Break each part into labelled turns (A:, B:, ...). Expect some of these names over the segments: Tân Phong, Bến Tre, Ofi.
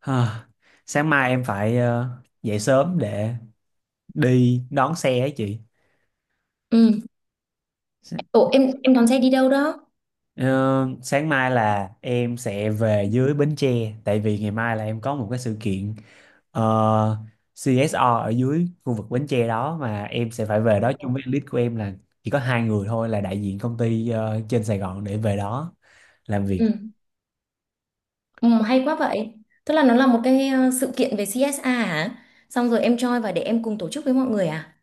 A: Ha, sáng mai em phải dậy sớm để đi đón xe ấy chị.
B: Ừ.
A: S-
B: Ủa em đón xe đi đâu đó?
A: ờ, sáng mai là em sẽ về dưới Bến Tre, tại vì ngày mai là em có một cái sự kiện ờ, CSR ở dưới khu vực Bến Tre đó, mà em sẽ phải về đó chung với lead của em, là chỉ có hai người thôi, là đại diện công ty trên Sài Gòn để về đó làm việc.
B: Ừ. Ừ, hay quá vậy. Tức là nó là một cái sự kiện về CSA hả? Xong rồi em join và để em cùng tổ chức với mọi người à?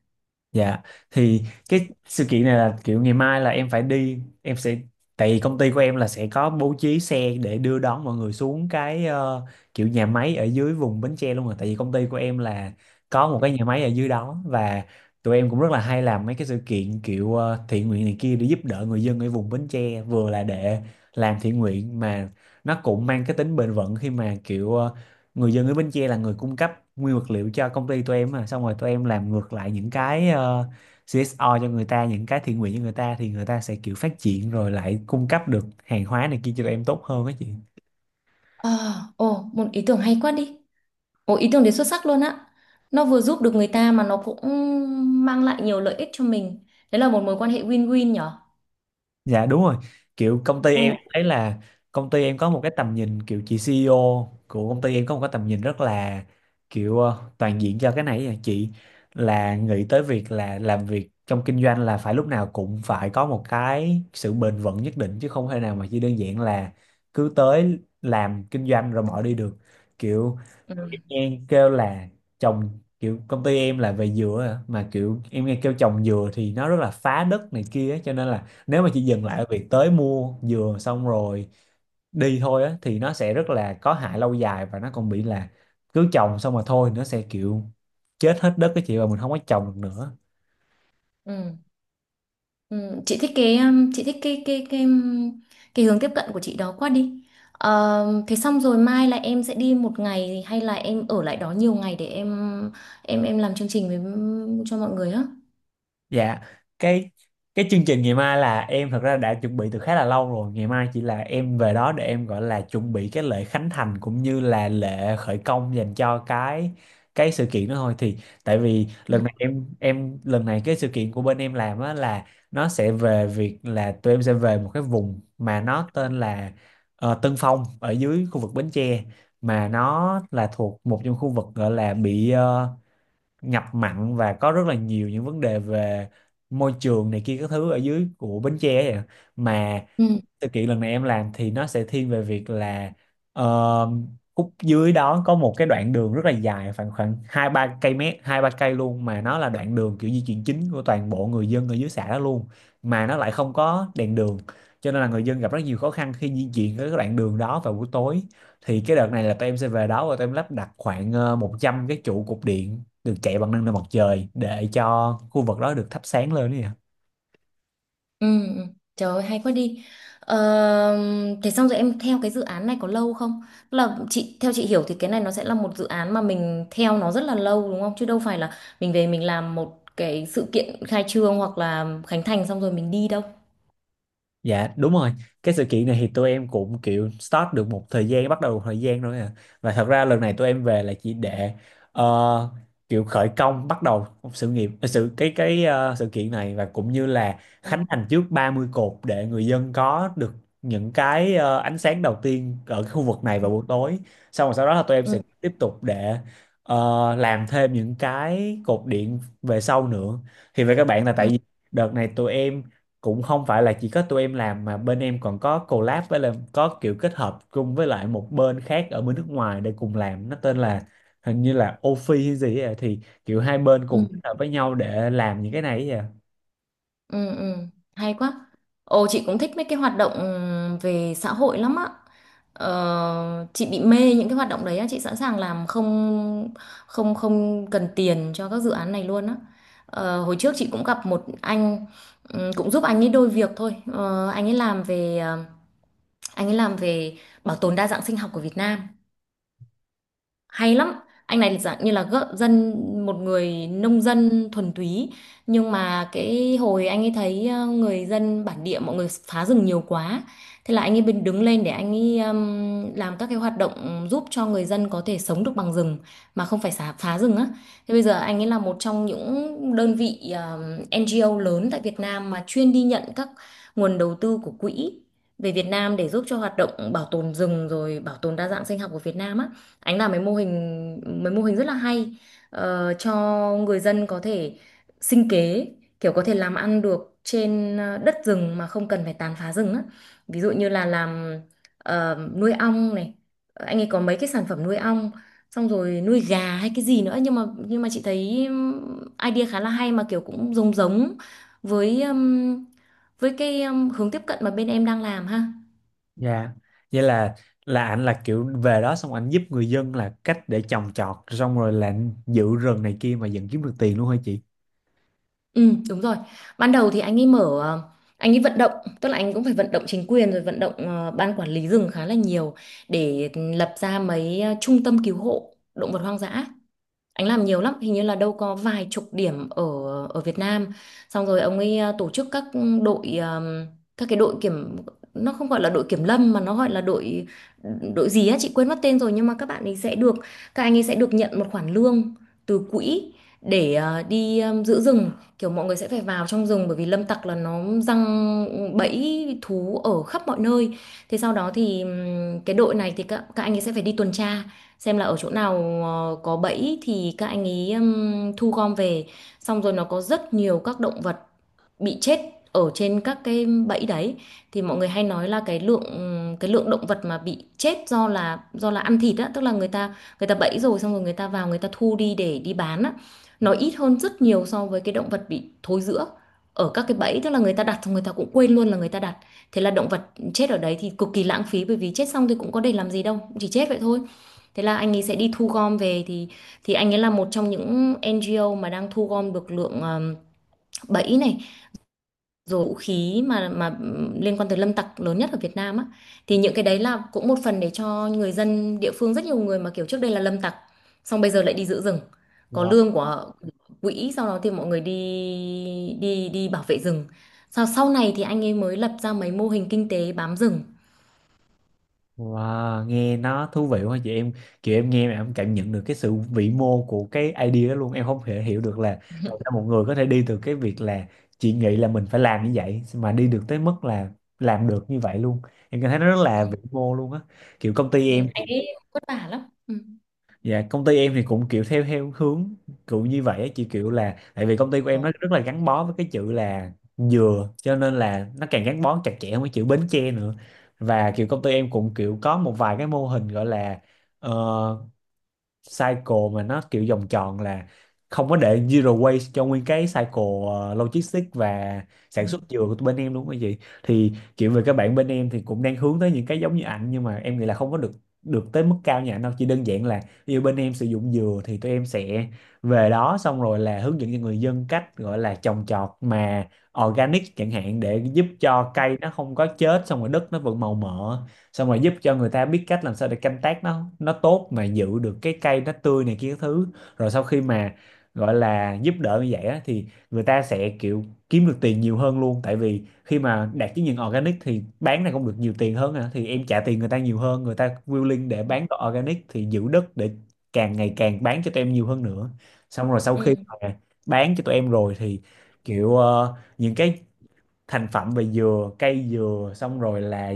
A: Dạ thì cái sự kiện này là kiểu ngày mai là em phải đi, em sẽ tại vì công ty của em là sẽ có bố trí xe để đưa đón mọi người xuống cái kiểu nhà máy ở dưới vùng Bến Tre luôn, rồi tại vì công ty của em là có một cái nhà máy ở dưới đó, và tụi em cũng rất là hay làm mấy cái sự kiện kiểu thiện nguyện này kia để giúp đỡ người dân ở vùng Bến Tre, vừa là để làm thiện nguyện mà nó cũng mang cái tính bền vững, khi mà kiểu người dân ở Bến Tre là người cung cấp nguyên vật liệu cho công ty tụi em, mà xong rồi tụi em làm ngược lại những cái CSO cho người ta, những cái thiện nguyện cho người ta, thì người ta sẽ kiểu phát triển rồi lại cung cấp được hàng hóa này kia cho tụi em tốt hơn á chị.
B: Ờ, ồ, một ý tưởng hay quá đi. Ồ, ý tưởng đấy xuất sắc luôn á. Nó vừa giúp được người ta mà nó cũng mang lại nhiều lợi ích cho mình. Đấy là một mối quan hệ win-win nhở?
A: Dạ đúng rồi. Kiểu công ty em
B: Ừ.
A: thấy là công ty em có một cái tầm nhìn, kiểu chị CEO của công ty em có một cái tầm nhìn rất là kiểu toàn diện cho cái này à chị, là nghĩ tới việc là làm việc trong kinh doanh là phải lúc nào cũng phải có một cái sự bền vững nhất định, chứ không thể nào mà chỉ đơn giản là cứ tới làm kinh doanh rồi bỏ đi được. Kiểu
B: Ừ.
A: em kêu là trồng, kiểu công ty em là về dừa á, mà kiểu em nghe kêu trồng dừa thì nó rất là phá đất này kia á, cho nên là nếu mà chỉ dừng lại ở việc tới mua dừa xong rồi đi thôi á thì nó sẽ rất là có hại lâu dài, và nó còn bị là cứ trồng xong mà thôi nó sẽ kiểu chết hết đất cái chị, và mình không có trồng được nữa.
B: Ừ. Ừ, chị thích cái chị thích cái hướng tiếp cận của chị đó quá đi. Ờ, thế xong rồi mai là em sẽ đi một ngày hay là em ở lại đó nhiều ngày để em làm chương trình với cho mọi người á.
A: Dạ, cái cái chương trình ngày mai là em thật ra đã chuẩn bị từ khá là lâu rồi. Ngày mai chỉ là em về đó để em gọi là chuẩn bị cái lễ khánh thành cũng như là lễ khởi công dành cho cái sự kiện đó thôi. Thì tại vì
B: Ừ.
A: lần này em lần này cái sự kiện của bên em làm á là nó sẽ về việc là tụi em sẽ về một cái vùng mà nó tên là Tân Phong ở dưới khu vực Bến Tre, mà nó là thuộc một trong khu vực gọi là bị ngập mặn, và có rất là nhiều những vấn đề về môi trường này kia các thứ ở dưới của Bến Tre ấy ạ. Mà
B: Ừ.
A: sự kiện lần này em làm thì nó sẽ thiên về việc là ờ, khúc dưới đó có một cái đoạn đường rất là dài, khoảng khoảng hai ba cây mét, hai ba cây luôn, mà nó là đoạn đường kiểu di chuyển chính của toàn bộ người dân ở dưới xã đó luôn, mà nó lại không có đèn đường, cho nên là người dân gặp rất nhiều khó khăn khi di chuyển cái đoạn đường đó vào buổi tối. Thì cái đợt này là tụi em sẽ về đó và tụi em lắp đặt khoảng 100 cái trụ cục điện được chạy bằng năng lượng mặt trời để cho khu vực đó được thắp sáng lên nè.
B: Ừ. Ừ. Trời ơi, hay quá đi. Ờ, thế xong rồi em theo cái dự án này có lâu không? Tức là chị theo chị hiểu thì cái này nó sẽ là một dự án mà mình theo nó rất là lâu đúng không? Chứ đâu phải là mình về mình làm một cái sự kiện khai trương hoặc là khánh thành xong rồi mình đi đâu.
A: Dạ đúng rồi. Cái sự kiện này thì tụi em cũng kiểu start được một thời gian, bắt đầu một thời gian rồi à. Và thật ra lần này tụi em về là chỉ để ờ, kiểu khởi công, bắt đầu một sự nghiệp ờ, sự cái ờ, sự kiện này, và cũng như là
B: Ừ.
A: khánh thành trước 30 cột để người dân có được những cái ánh sáng đầu tiên ở cái khu vực này vào buổi tối. Xong rồi sau đó là tụi em sẽ
B: Ừ.
A: tiếp tục để làm thêm những cái cột điện về sau nữa. Thì về các bạn là tại
B: ừ
A: vì đợt này tụi em cũng không phải là chỉ có tụi em làm, mà bên em còn có collab với, là có kiểu kết hợp chung với lại một bên khác ở bên nước ngoài để cùng làm, nó tên là hình như là Ofi hay gì ấy, à, thì kiểu hai bên
B: ừ
A: cùng kết hợp với nhau để làm những cái này ấy à.
B: ừ. Hay quá. Ồ, chị cũng thích mấy cái hoạt động về xã hội lắm á. Ờ, chị bị mê những cái hoạt động đấy á, chị sẵn sàng làm không, không cần tiền cho các dự án này luôn á. Ờ, hồi trước chị cũng gặp một anh, ừ, cũng giúp anh ấy đôi việc thôi. Anh ấy làm về bảo tồn đa dạng sinh học của Việt Nam, hay lắm. Anh này dạng như là gợ dân, một người nông dân thuần túy, nhưng mà cái hồi anh ấy thấy người dân bản địa mọi người phá rừng nhiều quá, thế là anh ấy bên đứng lên để anh ấy làm các cái hoạt động giúp cho người dân có thể sống được bằng rừng mà không phải xả phá rừng á. Thế bây giờ anh ấy là một trong những đơn vị NGO lớn tại Việt Nam mà chuyên đi nhận các nguồn đầu tư của quỹ về Việt Nam để giúp cho hoạt động bảo tồn rừng rồi bảo tồn đa dạng sinh học của Việt Nam á. Anh làm mấy mô hình rất là hay, ờ, cho người dân có thể sinh kế, kiểu có thể làm ăn được trên đất rừng mà không cần phải tàn phá rừng á. Ví dụ như là làm nuôi ong này, anh ấy có mấy cái sản phẩm nuôi ong, xong rồi nuôi gà hay cái gì nữa, nhưng mà chị thấy idea khá là hay mà kiểu cũng giống giống với ừm, với cái hướng tiếp cận mà bên em đang làm ha.
A: Dạ. Vậy là ảnh là kiểu về đó xong ảnh giúp người dân là cách để trồng trọt xong rồi là giữ rừng này kia mà vẫn kiếm được tiền luôn hả chị?
B: Ừ, đúng rồi. Ban đầu thì anh ấy mở, anh ấy vận động, tức là anh cũng phải vận động chính quyền rồi vận động ban quản lý rừng khá là nhiều để lập ra mấy trung tâm cứu hộ động vật hoang dã. Anh làm nhiều lắm, hình như là đâu có vài chục điểm ở ở Việt Nam. Xong rồi ông ấy tổ chức các đội, các cái đội kiểm, nó không gọi là đội kiểm lâm mà nó gọi là đội đội gì á chị quên mất tên rồi, nhưng mà các bạn ấy sẽ được các anh ấy sẽ được nhận một khoản lương từ quỹ để đi giữ rừng. Kiểu mọi người sẽ phải vào trong rừng bởi vì lâm tặc là nó giăng bẫy thú ở khắp mọi nơi. Thế sau đó thì cái đội này thì các anh ấy sẽ phải đi tuần tra xem là ở chỗ nào có bẫy thì các anh ấy thu gom về, xong rồi nó có rất nhiều các động vật bị chết ở trên các cái bẫy đấy. Thì mọi người hay nói là cái lượng động vật mà bị chết do là ăn thịt á, tức là người ta bẫy rồi xong rồi người ta vào người ta thu đi để đi bán á, nó ít hơn rất nhiều so với cái động vật bị thối rữa ở các cái bẫy, tức là người ta đặt xong người ta cũng quên luôn là người ta đặt, thế là động vật chết ở đấy thì cực kỳ lãng phí, bởi vì chết xong thì cũng có để làm gì đâu, chỉ chết vậy thôi. Thế là anh ấy sẽ đi thu gom về thì anh ấy là một trong những NGO mà đang thu gom được lượng bẫy này rồi vũ khí mà liên quan tới lâm tặc lớn nhất ở Việt Nam á. Thì những cái đấy là cũng một phần để cho người dân địa phương rất nhiều người mà kiểu trước đây là lâm tặc xong bây giờ lại đi giữ rừng, có lương của quỹ, sau đó thì mọi người đi đi đi bảo vệ rừng. Sau sau này thì anh ấy mới lập ra mấy mô hình kinh tế bám rừng.
A: Wow, nghe nó thú vị quá chị, em kiểu em nghe mà em cảm nhận được cái sự vĩ mô của cái idea đó luôn, em không thể hiểu được là làm sao một người có thể đi từ cái việc là chị nghĩ là mình phải làm như vậy mà đi được tới mức là làm được như vậy luôn. Em cảm thấy nó rất
B: Ừ.
A: là vĩ mô luôn á, kiểu công ty
B: Ừ,
A: em.
B: anh ấy vất vả lắm. Ừ.
A: Dạ công ty em thì cũng kiểu theo theo hướng kiểu như vậy á, chị, kiểu là tại vì công ty của em
B: Ờ,
A: nó rất là gắn bó với cái chữ là dừa, cho nên là nó càng gắn bó chặt chẽ với chữ Bến Tre nữa. Và kiểu công ty em cũng kiểu có một vài cái mô hình gọi là ờ, cycle mà nó kiểu vòng tròn, là không có để zero waste cho nguyên cái cycle logistics và
B: ừ.
A: sản xuất dừa của bên em luôn cái gì. Thì kiểu về các bạn bên em thì cũng đang hướng tới những cái giống như ảnh, nhưng mà em nghĩ là không có được được tới mức cao như ảnh đâu, chỉ đơn giản là ví dụ bên em sử dụng dừa thì tụi em sẽ về đó xong rồi là hướng dẫn cho người dân cách gọi là trồng trọt mà organic chẳng hạn, để giúp cho cây nó không có chết, xong rồi đất nó vẫn màu mỡ, xong rồi giúp cho người ta biết cách làm sao để canh tác nó tốt mà giữ được cái cây nó tươi này kia các thứ, rồi sau khi mà gọi là giúp đỡ như vậy á, thì người ta sẽ kiểu kiếm được tiền nhiều hơn luôn, tại vì khi mà đạt chứng nhận organic thì bán này cũng được nhiều tiền hơn à. Thì em trả tiền người ta nhiều hơn, người ta willing để bán đồ organic thì giữ đất để càng ngày càng bán cho tụi em nhiều hơn nữa. Xong rồi sau khi
B: Ừ.
A: mà bán cho tụi em rồi thì kiểu những cái thành phẩm về dừa, cây dừa, xong rồi là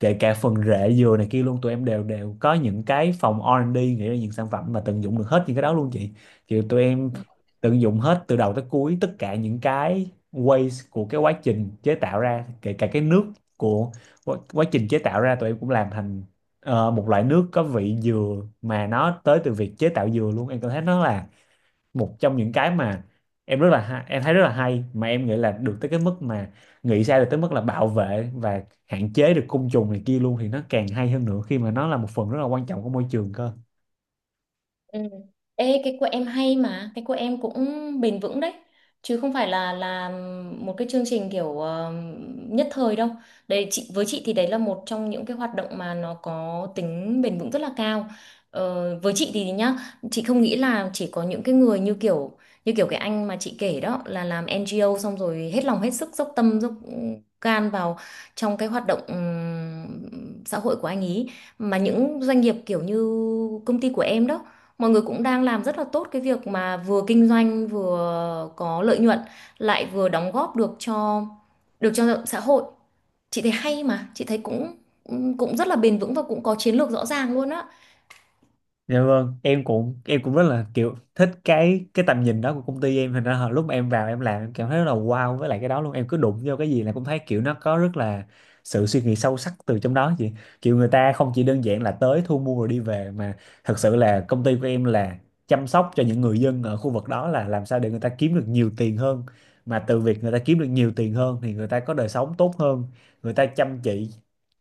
A: kể cả phần rễ dừa này kia luôn, tụi em đều đều có những cái phòng R&D nghĩ ra những sản phẩm mà tận dụng được hết những cái đó luôn chị. Kiểu tụi em tận dụng hết từ đầu tới cuối tất cả những cái waste của cái quá trình chế tạo ra, kể cả cái nước của quá trình chế tạo ra, tụi em cũng làm thành một loại nước có vị dừa mà nó tới từ việc chế tạo dừa luôn. Em cảm thấy nó là một trong những cái mà em rất là em thấy rất là hay, mà em nghĩ là được tới cái mức mà nghĩ ra được tới mức là bảo vệ và hạn chế được côn trùng này kia luôn thì nó càng hay hơn nữa, khi mà nó là một phần rất là quan trọng của môi trường cơ.
B: Ừ. Ê, cái của em hay mà cái của em cũng bền vững đấy, chứ không phải là một cái chương trình kiểu nhất thời đâu. Đấy chị với chị thì đấy là một trong những cái hoạt động mà nó có tính bền vững rất là cao. Ờ, với chị thì nhá, chị không nghĩ là chỉ có những cái người như kiểu cái anh mà chị kể đó là làm NGO xong rồi hết lòng hết sức dốc tâm dốc can vào trong cái hoạt động xã hội của anh ý, mà những doanh nghiệp kiểu như công ty của em đó, mọi người cũng đang làm rất là tốt cái việc mà vừa kinh doanh vừa có lợi nhuận lại vừa đóng góp được được cho xã hội. Chị thấy hay mà chị thấy cũng cũng rất là bền vững và cũng có chiến lược rõ ràng luôn á.
A: Dạ vâng, em cũng rất là kiểu thích cái tầm nhìn đó của công ty em, thành ra là lúc mà em vào em làm em cảm thấy rất là wow với lại cái đó luôn, em cứ đụng vô cái gì là cũng thấy kiểu nó có rất là sự suy nghĩ sâu sắc từ trong đó chị. Kiểu người ta không chỉ đơn giản là tới thu mua rồi đi về, mà thật sự là công ty của em là chăm sóc cho những người dân ở khu vực đó, là làm sao để người ta kiếm được nhiều tiền hơn, mà từ việc người ta kiếm được nhiều tiền hơn Thì người ta có đời sống tốt hơn, người ta chăm chỉ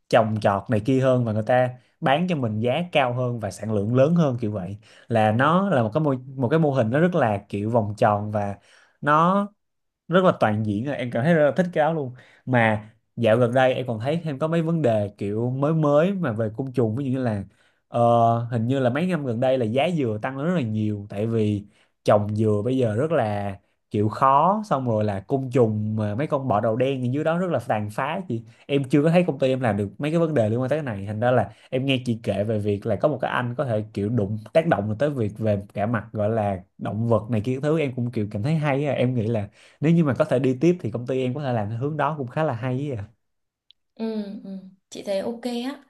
A: trồng trọt này kia hơn, và người ta bán cho mình giá cao hơn và sản lượng lớn hơn, kiểu vậy. Là nó là một cái mô hình nó rất là kiểu vòng tròn và nó rất là toàn diện rồi. Em cảm thấy rất là thích cái áo luôn. Mà dạo gần đây em còn thấy thêm có mấy vấn đề kiểu mới mới mà về côn trùng, ví dụ như là ờ, hình như là mấy năm gần đây là giá dừa tăng lên rất là nhiều, tại vì trồng dừa bây giờ rất là kiểu khó. Xong rồi là côn trùng, mà mấy con bọ đầu đen gì dưới đó rất là tàn phá, chị. Em chưa có thấy công ty em làm được mấy cái vấn đề liên quan tới cái này, thành ra là em nghe chị kể về việc là có một cái anh có thể kiểu đụng tác động được tới việc về cả mặt gọi là động vật này kia, cái thứ em cũng kiểu cảm thấy hay á. Em nghĩ là nếu như mà có thể đi tiếp thì công ty em có thể làm theo hướng đó cũng khá là hay ấy ạ.
B: Ừ, ừ. Chị thấy ok á.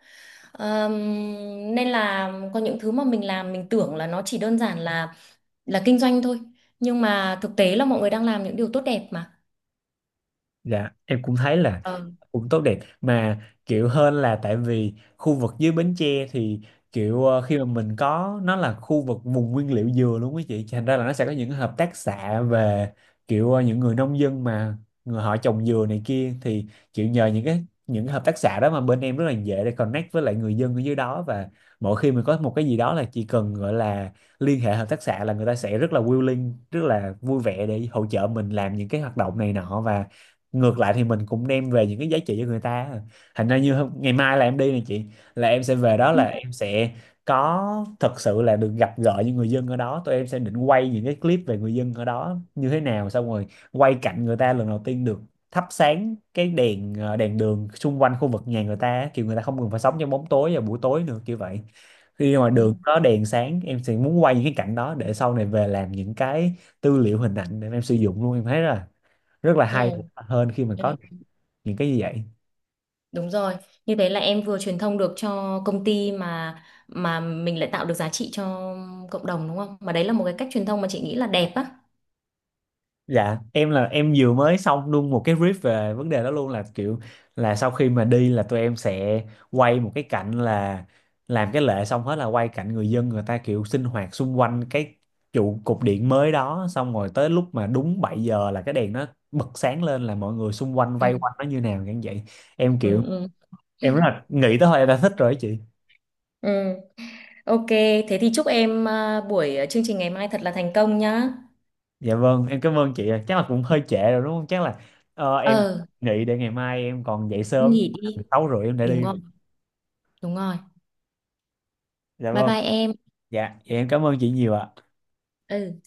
B: Ờm, nên là có những thứ mà mình làm mình tưởng là nó chỉ đơn giản là kinh doanh thôi, nhưng mà thực tế là mọi người đang làm những điều tốt đẹp mà.
A: Dạ, em cũng thấy là
B: Ờ.
A: cũng tốt đẹp mà, kiểu hơn, là tại vì khu vực dưới Bến Tre thì kiểu khi mà mình có, nó là khu vực vùng nguyên liệu dừa luôn quý chị, thành ra là nó sẽ có những hợp tác xã về kiểu những người nông dân mà người họ trồng dừa này kia, thì kiểu nhờ những cái hợp tác xã đó mà bên em rất là dễ để connect với lại người dân ở dưới đó. Và mỗi khi mình có một cái gì đó là chỉ cần gọi là liên hệ hợp tác xã là người ta sẽ rất là willing, rất là vui vẻ để hỗ trợ mình làm những cái hoạt động này nọ, và ngược lại thì mình cũng đem về những cái giá trị cho người ta. Thành ra như ngày mai là em đi này chị, là em sẽ về đó, là em sẽ có thật sự là được gặp gỡ những người dân ở đó. Tụi em sẽ định quay những cái clip về người dân ở đó như thế nào, xong rồi quay cảnh người ta lần đầu tiên được thắp sáng cái đèn, đèn đường xung quanh khu vực nhà người ta, kiểu người ta không cần phải sống trong bóng tối vào buổi tối nữa, kiểu vậy. Khi mà
B: Ừ,
A: đường có đèn sáng, em sẽ muốn quay những cái cảnh đó để sau này về làm những cái tư liệu hình ảnh để em sử dụng luôn. Em thấy là rất là
B: ừ,
A: hay hơn khi mà
B: ừ.
A: có những cái như vậy.
B: Đúng rồi, như thế là em vừa truyền thông được cho công ty mà mình lại tạo được giá trị cho cộng đồng đúng không? Mà đấy là một cái cách truyền thông mà chị nghĩ là đẹp á.
A: Dạ em là em vừa mới xong luôn một cái brief về vấn đề đó luôn, là kiểu là sau khi mà đi là tụi em sẽ quay một cái cảnh là làm cái lễ xong hết là quay cảnh người dân, người ta kiểu sinh hoạt xung quanh cái trụ cột điện mới đó, xong rồi tới lúc mà đúng 7 giờ là cái đèn nó bật sáng lên, là mọi người xung quanh vây
B: Ừ.
A: quanh nó như nào, như vậy. Em
B: Ừ,
A: kiểu
B: ừ.
A: em rất là nghĩ tới thôi em đã thích rồi đó chị.
B: Ừ, ok, thế thì chúc em buổi chương trình ngày mai thật là thành công nhá.
A: Dạ vâng, em cảm ơn chị ạ. Chắc là cũng hơi trễ rồi đúng không? Chắc là em
B: Ờ,
A: nghĩ để ngày mai em còn dậy sớm,
B: nghỉ đi.
A: 6h30 em đã
B: Đúng
A: đi
B: rồi,
A: rồi.
B: đúng rồi.
A: Dạ
B: Bye
A: vâng,
B: bye em.
A: dạ, vậy em cảm ơn chị nhiều ạ.
B: Ừ.